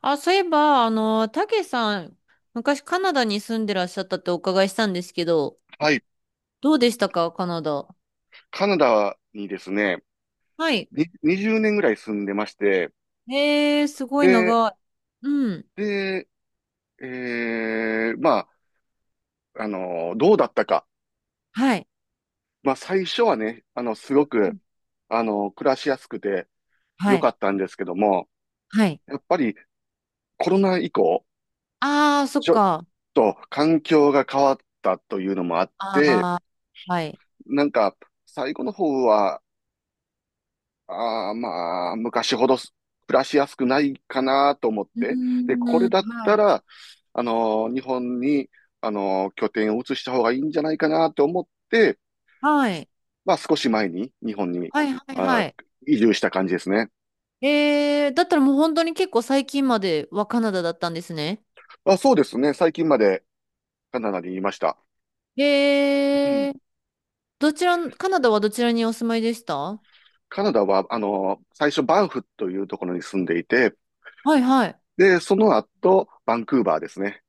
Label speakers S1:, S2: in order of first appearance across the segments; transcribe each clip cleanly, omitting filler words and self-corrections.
S1: あ、そういえば、たけさん、昔カナダに住んでらっしゃったってお伺いしたんですけど、
S2: はい。
S1: どうでしたか、カナダ。
S2: カナダにですね、
S1: はい。
S2: に20年ぐらい住んでまして、
S1: えー、すごい
S2: で、
S1: 長い。うん。
S2: で、まあ、どうだったか。
S1: はい。
S2: まあ、最初はね、すご
S1: う
S2: く、
S1: ん
S2: 暮らしやすくて
S1: は
S2: 良
S1: い。
S2: かったんですけども、
S1: はい。
S2: やっぱりコロナ以降、
S1: あー、そっ
S2: ちょっ
S1: か。
S2: と環境が変わったというのもあって、
S1: あー、はい。
S2: なんか、最後の方は、ああ、まあ、昔ほど暮らしやすくないかなと思っ
S1: う
S2: て。で、これ
S1: ー
S2: だ
S1: ん、
S2: っ
S1: は
S2: た
S1: い。
S2: ら、日本に、拠点を移した方がいいんじゃないかなと思って、
S1: はい。
S2: まあ、少し前に日本に、
S1: はい、はい、
S2: あー、
S1: はい。
S2: 移住した感じですね。
S1: えー、だったらもう本当に結構最近まではカナダだったんですね。
S2: あ、そうですね。最近までカナダにいました。うん。
S1: えー、どちら、カナダはどちらにお住まいでしたは？
S2: カナダは、最初バンフというところに住んでいて、
S1: はい。
S2: で、その後、バンクーバーですね。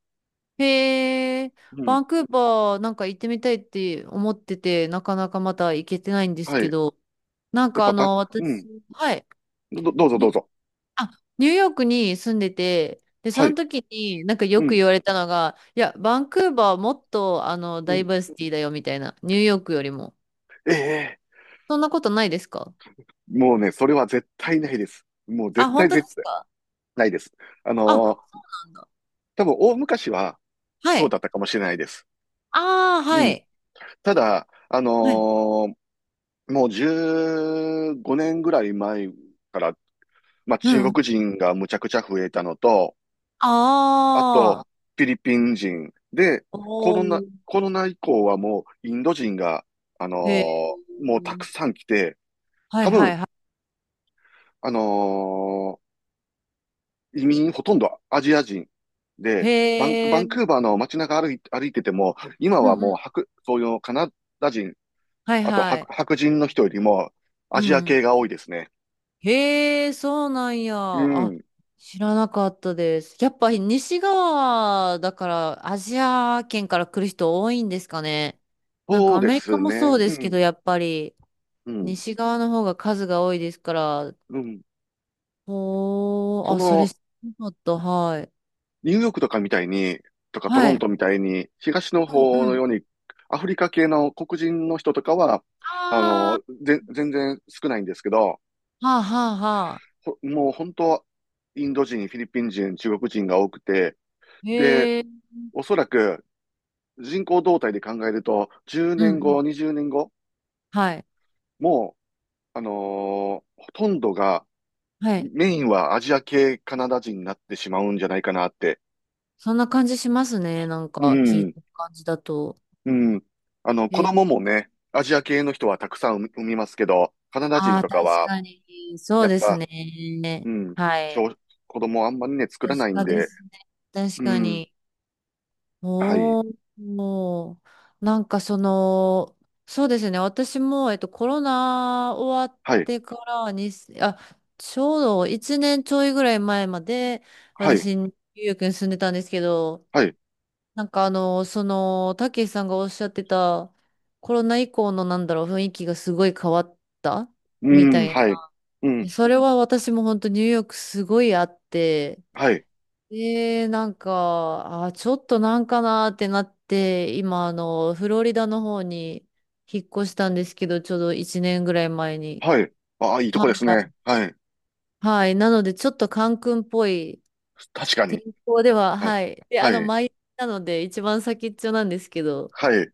S1: へえ、
S2: う
S1: バ
S2: ん。
S1: ンクーバーなんか行ってみたいって思ってて、なかなかまた行けてないんです
S2: はい。
S1: けど、
S2: や
S1: なん
S2: っ
S1: か
S2: ぱバン、う
S1: 私、
S2: ん。
S1: はい、
S2: どうぞどう
S1: に
S2: ぞ。
S1: あ、ニューヨークに住んでて、で、
S2: は
S1: そ
S2: い。
S1: の時になんか
S2: う
S1: よく
S2: ん。
S1: 言われたのが、いや、バンクーバーもっとダイバーシティだよみたいな、ニューヨークよりも。
S2: ええ、
S1: そんなことないですか？
S2: もうね、それは絶対ないです。もう
S1: あ、
S2: 絶
S1: 本
S2: 対
S1: 当で
S2: 絶
S1: す
S2: 対
S1: か？
S2: ないです。あ
S1: あ、そう
S2: のー
S1: なんだ。
S2: 多分、大昔は
S1: は
S2: そう
S1: い。
S2: だったかもしれないです。
S1: ああ、
S2: う
S1: は
S2: ん。
S1: い。
S2: ただ、
S1: はい。
S2: ーもう15年ぐらい前から、まあ
S1: う
S2: 中
S1: ん。
S2: 国人がむちゃくちゃ増えたのと、あと、
S1: ああ、
S2: フィリピン人で、コ
S1: お
S2: ロナ、
S1: ー、
S2: コロナ以降はもうインド人が、
S1: へえ。
S2: もうたくさん来て、
S1: はい
S2: 多分、
S1: はい。
S2: あのー移民ほとんどアジア人で、バン、
S1: へ
S2: バ
S1: え、
S2: ンクーバーの街中歩いてても、今
S1: う
S2: は
S1: んう
S2: もう、
S1: ん。
S2: そういうカナダ人、
S1: はい
S2: あと
S1: は
S2: 白、
S1: い。
S2: 白人の人よりも
S1: う
S2: アジア
S1: ん。
S2: 系が多いですね。
S1: へえ、そうなんや。
S2: う
S1: あ、
S2: ん。
S1: 知らなかったです。やっぱり西側だからアジア圏から来る人多いんですかね。なん
S2: そ
S1: か
S2: う
S1: ア
S2: で
S1: メリカ
S2: す
S1: も
S2: ね。
S1: そうで
S2: う
S1: すけど、
S2: ん。
S1: やっぱり
S2: うん。
S1: 西側の方が数が多いですから。
S2: うん。
S1: おー、
S2: そ
S1: あ、それ
S2: の、
S1: 知らなかった。はい。
S2: ニューヨークとかみたいに、とかトロ
S1: は
S2: ント
S1: い。
S2: みたいに、東の
S1: う
S2: 方
S1: んう
S2: の
S1: ん。
S2: ように、アフリカ系の黒人の人とかは、
S1: あ
S2: 全然少ないんですけど、
S1: ー、はあはあはあ。
S2: もう本当、インド人、フィリピン人、中国人が多くて、で、
S1: へえ、
S2: おそらく人口動態で考えると、10
S1: う
S2: 年
S1: んうん。
S2: 後、20年後、
S1: はい。
S2: もう、ほとんどが、
S1: はい。
S2: メインはアジア系カナダ人になってしまうんじゃないかなって。
S1: そんな感じしますね。なん
S2: う
S1: か聞い
S2: ん、
S1: た感じだと。
S2: うん。子
S1: え、
S2: 供もね、アジア系の人はたくさん産みますけど、カナダ
S1: あ
S2: 人
S1: あ、
S2: と
S1: 確
S2: かは、
S1: かに。そう
S2: やっ
S1: です
S2: ぱ、
S1: ね。
S2: うん、
S1: はい。
S2: 小子供あんまりね、作
S1: 確
S2: らないん
S1: かで
S2: で、
S1: すね。確
S2: う
S1: か
S2: ん、
S1: に。
S2: はい、
S1: おー、もう、なんかその、そうですね。私も、コロナ終わっ
S2: はい、
S1: てからに、あ、ちょうど1年ちょいぐらい前まで、
S2: はい、
S1: 私、ニューヨークに住んでたんですけど、
S2: はい、
S1: なんかたけしさんがおっしゃってた、コロナ以降のなんだろう、雰囲気がすごい変わった
S2: う
S1: みた
S2: ん、
S1: い
S2: はい、う
S1: な。
S2: ん、
S1: それは私も本当ニューヨークすごいあって、
S2: はい、
S1: で、なんか、あ、ちょっとなんかなーってなって、今フロリダの方に引っ越したんですけど、ちょうど1年ぐらい前に。
S2: はい。ああ、いいと
S1: は
S2: こですね。
S1: い。
S2: はい。
S1: はい。なので、ちょっとカンクンっぽい
S2: 確か
S1: 天
S2: に。
S1: 候では、
S2: はい。
S1: はい。で、
S2: はい。
S1: マイアミなので、一番先っちょなんですけど、
S2: はい。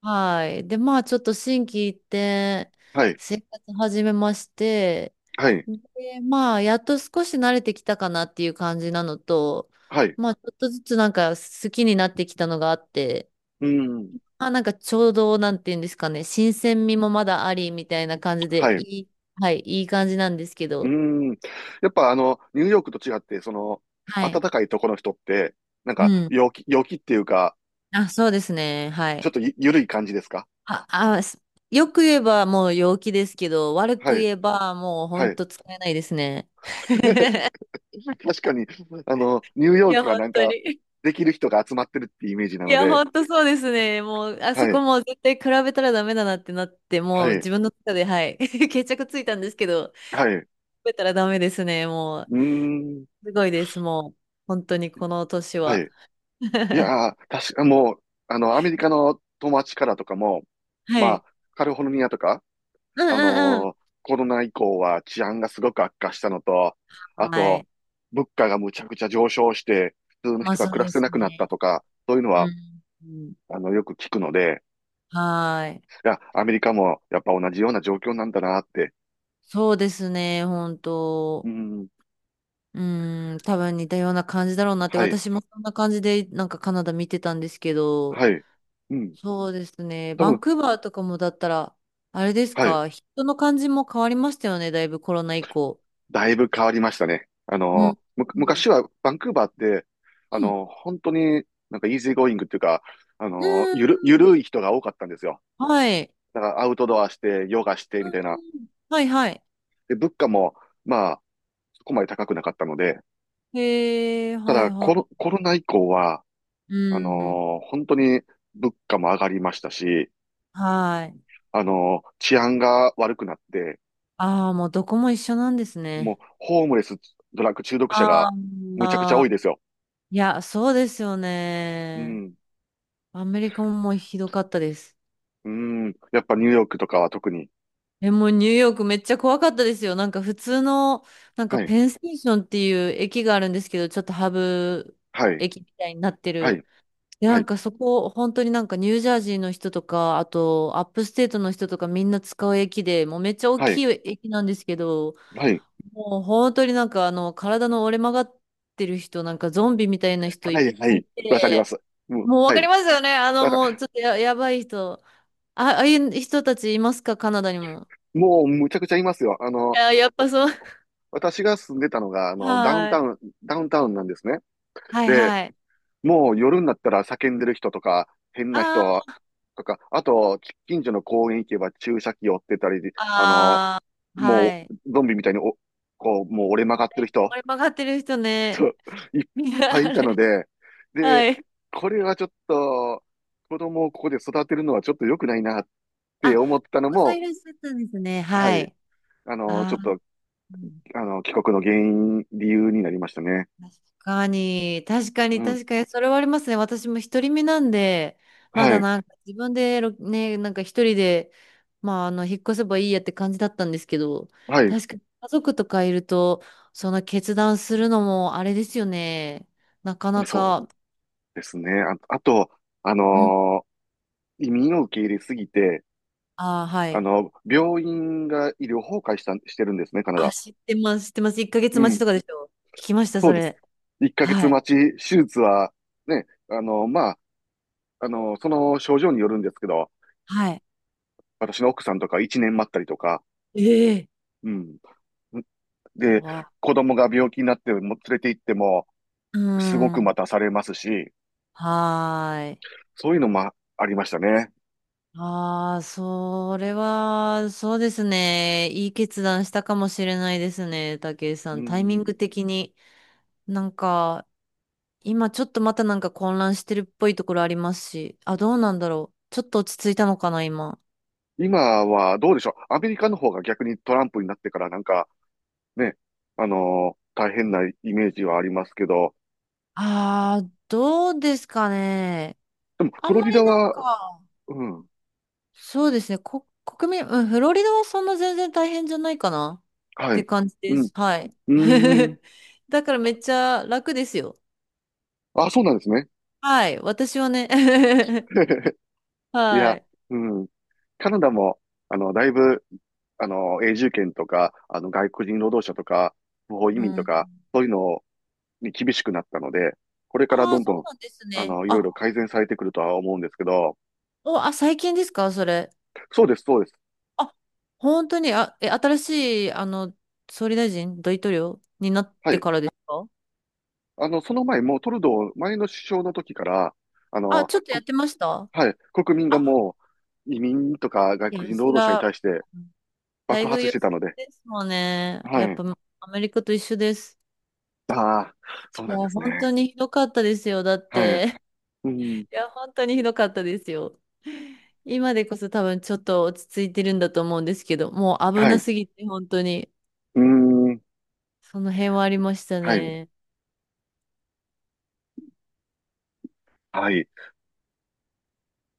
S1: はい。で、まあ、ちょっと心機一転、
S2: はい。
S1: 生活始めまして、
S2: はい。
S1: で、まあ、やっと少し慣れてきたかなっていう感じなのと、
S2: はい。
S1: まあ、ちょっとずつなんか好きになってきたのがあって、
S2: うん。
S1: まあ、なんかちょうど、なんていうんですかね、新鮮味もまだありみたいな感じで、
S2: はい。
S1: はい、いい感じなんですけ
S2: う
S1: ど、
S2: ん。やっぱニューヨークと違って、その、
S1: は
S2: 暖
S1: い。
S2: かいとこの人って、なんか、
S1: うん。
S2: 陽気っていうか、
S1: あ、そうですね。は
S2: ちょ
S1: い。
S2: っとゆ、ゆるい感じですか？
S1: あ、あ、すよく言えばもう陽気ですけど、悪く
S2: はい。
S1: 言えばもうほ
S2: は
S1: ん
S2: い。
S1: と使えないですね。
S2: 確かに、ニュー
S1: い
S2: ヨー
S1: や、
S2: クは
S1: 本
S2: なん
S1: 当に。
S2: か、できる人が集まってるっていうイメージな
S1: い
S2: の
S1: や、
S2: で、
S1: 本当そうですね。もう、あ
S2: は
S1: そこ
S2: い。
S1: もう絶対比べたらダメだなってなって、もう
S2: はい。
S1: 自分の中で、はい、決着ついたんですけど、比
S2: はい。う
S1: べたらダメですね。もう、
S2: ーん。
S1: すごいです。もう、本当にこの年
S2: は
S1: は。
S2: い。い やー、確か、もう、アメリカの友達からとかも、
S1: は
S2: まあ、
S1: い。
S2: カリフォルニアとか、
S1: うんうん
S2: コロナ以降は治安がすごく悪化したのと、
S1: う
S2: あ
S1: ん。は
S2: と、
S1: い。
S2: 物価がむちゃくちゃ上昇して、普通の
S1: まあ
S2: 人が
S1: そう
S2: 暮ら
S1: で
S2: せな
S1: す
S2: くなった
S1: ね。
S2: とか、そういうの
S1: う
S2: は、
S1: ん。うん
S2: よく聞くので、
S1: はい。
S2: いや、アメリカもやっぱ同じような状況なんだなって、
S1: そうですね。本
S2: う
S1: 当。
S2: ん、
S1: うん。多分似たような感じだろうなって、
S2: はい、
S1: 私もそんな感じで、なんかカナダ見てたんですけど、
S2: はい、うん、
S1: そうですね。
S2: 多
S1: バ
S2: 分、
S1: ンクーバーとかもだったら、あれです
S2: はい。
S1: か、人の感じも変わりましたよね、だいぶコロナ以降。
S2: だいぶ変わりましたね。
S1: うん。うん。
S2: 昔はバンクーバーって、
S1: うん。
S2: 本当になんかイージーゴーイングっていうか、
S1: うー
S2: ゆ
S1: ん
S2: るい人が多かったんですよ。
S1: はい。
S2: だからアウトドアして、ヨガして
S1: う
S2: みたいな。
S1: んはいはい。
S2: で、物価も、まあ、そこまで高くなかったので、
S1: へえ、
S2: た
S1: はい
S2: だ
S1: は
S2: コロ、
S1: い。
S2: コロナ以降は、
S1: うん。
S2: 本当に物価も上がりましたし、
S1: はい。
S2: 治安が悪くなって、
S1: ああ、もうどこも一緒なんです
S2: もう、
S1: ね。
S2: ホームレス、ドラッグ中毒者
S1: あ
S2: が
S1: ー
S2: むちゃくちゃ
S1: あ
S2: 多い
S1: ー、
S2: ですよ。
S1: いや、そうですよ
S2: う
S1: ね。
S2: ん。
S1: アメリカももうひどかったです。
S2: うん。やっぱニューヨークとかは特に。
S1: え、もうニューヨークめっちゃ怖かったですよ。なんか普通の、なんか
S2: はい、
S1: ペンステーションっていう駅があるんですけど、ちょっとハブ
S2: はい、
S1: 駅みたいになって
S2: はい、
S1: る。で、な
S2: は
S1: ん
S2: い、
S1: かそこ、本当になんかニュージャージーの人とか、あとアップステートの人とかみんな使う駅で、もうめっちゃ大
S2: は
S1: き
S2: い、
S1: い駅なんですけど、
S2: はい、
S1: もう本当になんか体の折れ曲がってる人、なんかゾンビみたいな人いっ
S2: はい、は
S1: ぱいい
S2: い、わかりま
S1: て、
S2: す。うん、
S1: もうわ
S2: は
S1: かり
S2: い。
S1: ますよね。
S2: だか
S1: もう
S2: ら、
S1: ちょっとやばい人。あ、ああいう人たちいますか、カナダにも？
S2: もうむちゃくちゃいますよ。
S1: やっぱそう。
S2: 私が住んでたのが、ダウン
S1: は
S2: タ
S1: い。
S2: ウン、ダウンタウンなんですね。
S1: はい
S2: で、
S1: はい。
S2: もう夜になったら叫んでる人とか、変な人
S1: あー
S2: とか、あと、近所の公園行けば注射器を追ってたり、あの、
S1: あー、
S2: も
S1: はい。
S2: う、ゾンビみたいにこう、もう折れ曲がってる
S1: ねこ
S2: 人、
S1: れ曲がってる人
S2: そ
S1: ね。
S2: う、いっ
S1: いや
S2: ぱい
S1: あ
S2: いたの
S1: れ。
S2: で、
S1: は
S2: で、
S1: い。
S2: これはちょっと、子供をここで育てるのはちょっと良くないなって
S1: あ、
S2: 思っ
S1: お
S2: たの
S1: 子さんい
S2: も、
S1: らっしゃったんですね。
S2: は
S1: は
S2: い、
S1: い。
S2: ち
S1: あ
S2: ょっ
S1: あ。
S2: と、
S1: うん、
S2: 帰国の原因、理由になりましたね。
S1: 確かに、確か
S2: う
S1: に、
S2: ん。
S1: 確かに、それはありますね。私も一人身なんで、ま
S2: は
S1: だ
S2: い。
S1: なんか自分でね、なんか一人で、まあ、引っ越せばいいやって感じだったんですけど、
S2: はい。
S1: 確かに家族とかいると、その決断するのもあれですよね。なかな
S2: そう
S1: か、
S2: ですね。あ、あと、あ
S1: ん
S2: のー移民を受け入れすぎて、
S1: ああ、はい。
S2: 病院が医療崩壊した、してるんですね、カナ
S1: あ、
S2: ダ。
S1: 知ってます、知ってます。1ヶ
S2: う
S1: 月待ち
S2: ん。
S1: とかでしょ。聞きました、
S2: そう
S1: そ
S2: です。
S1: れ。
S2: 1ヶ月
S1: はい。
S2: 待ち、手術は、ね、あの、まあの、その症状によるんですけど、
S1: はい。
S2: 私の奥さんとか一年待ったりとか、
S1: ええ
S2: うん。で、
S1: わ。
S2: 子供が病気になっても連れて行っても、
S1: うー
S2: すごく待
S1: ん。
S2: たされますし、
S1: はーい。
S2: そういうのもありましたね。
S1: ああ、それは、そうですね。いい決断したかもしれないですね、武井さ
S2: う
S1: ん。タイミン
S2: ん。
S1: グ的に。なんか、今ちょっとまたなんか混乱してるっぽいところありますし。あ、どうなんだろう。ちょっと落ち着いたのかな、今。
S2: 今はどうでしょう。アメリカの方が逆にトランプになってからなんかね、大変なイメージはありますけど、
S1: ああ、どうですかね。
S2: でも
S1: あ
S2: フ
S1: ん
S2: ロ
S1: ま
S2: リ
S1: り
S2: ダ
S1: なん
S2: は、
S1: か、
S2: うん、
S1: そうですね。国民、うん、フロリダはそんな全然大変じゃないかな。っ
S2: は
S1: て
S2: い。
S1: 感じ
S2: う
S1: で
S2: ん、
S1: す。はい。
S2: うーん。
S1: だからめっちゃ楽ですよ。
S2: あ、そうなんですね。
S1: はい、私はね。
S2: い
S1: は
S2: や、
S1: い。
S2: うん。カナダも、だいぶ永住権とか、外国人労働者とか、不法移
S1: う
S2: 民と
S1: ん。
S2: か、そういうのに厳しくなったので、これから
S1: あ
S2: ど
S1: あ、
S2: んど
S1: そう
S2: ん、
S1: なんですね。
S2: いろいろ改善されてくるとは思うんですけど、
S1: 最近ですか、それ。
S2: そうです、そうです。
S1: あ、本当に、新しい、総理大臣、大統領になっ
S2: は
S1: て
S2: い。
S1: からですか？
S2: その前、もうトルドー、前の首相の時から、あ
S1: あ、
S2: の、
S1: ちょっとや
S2: こ、
S1: ってました。
S2: はい、国民が
S1: あ、
S2: もう、移民とか外
S1: い
S2: 国
S1: や、
S2: 人労
S1: そ
S2: 働者に
S1: ら、
S2: 対して
S1: 待
S2: 爆
S1: 遇
S2: 発し
S1: 良
S2: て
S1: す
S2: た
S1: ぎ
S2: ので、
S1: ですもんね。
S2: は
S1: やっ
S2: い。
S1: ぱ、アメリカと一緒です。
S2: ああ、そう
S1: い
S2: な
S1: や、
S2: んです
S1: 本
S2: ね。
S1: 当にひどかったですよ。だっ
S2: はい。
S1: て、
S2: うん、
S1: いや、本当にひどかったですよ。今でこそ多分ちょっと落ち着いてるんだと思うんですけど、もう危
S2: はい。
S1: な
S2: う
S1: すぎて本当に、
S2: ーん、
S1: その辺はありました
S2: はい。
S1: ね。
S2: はい。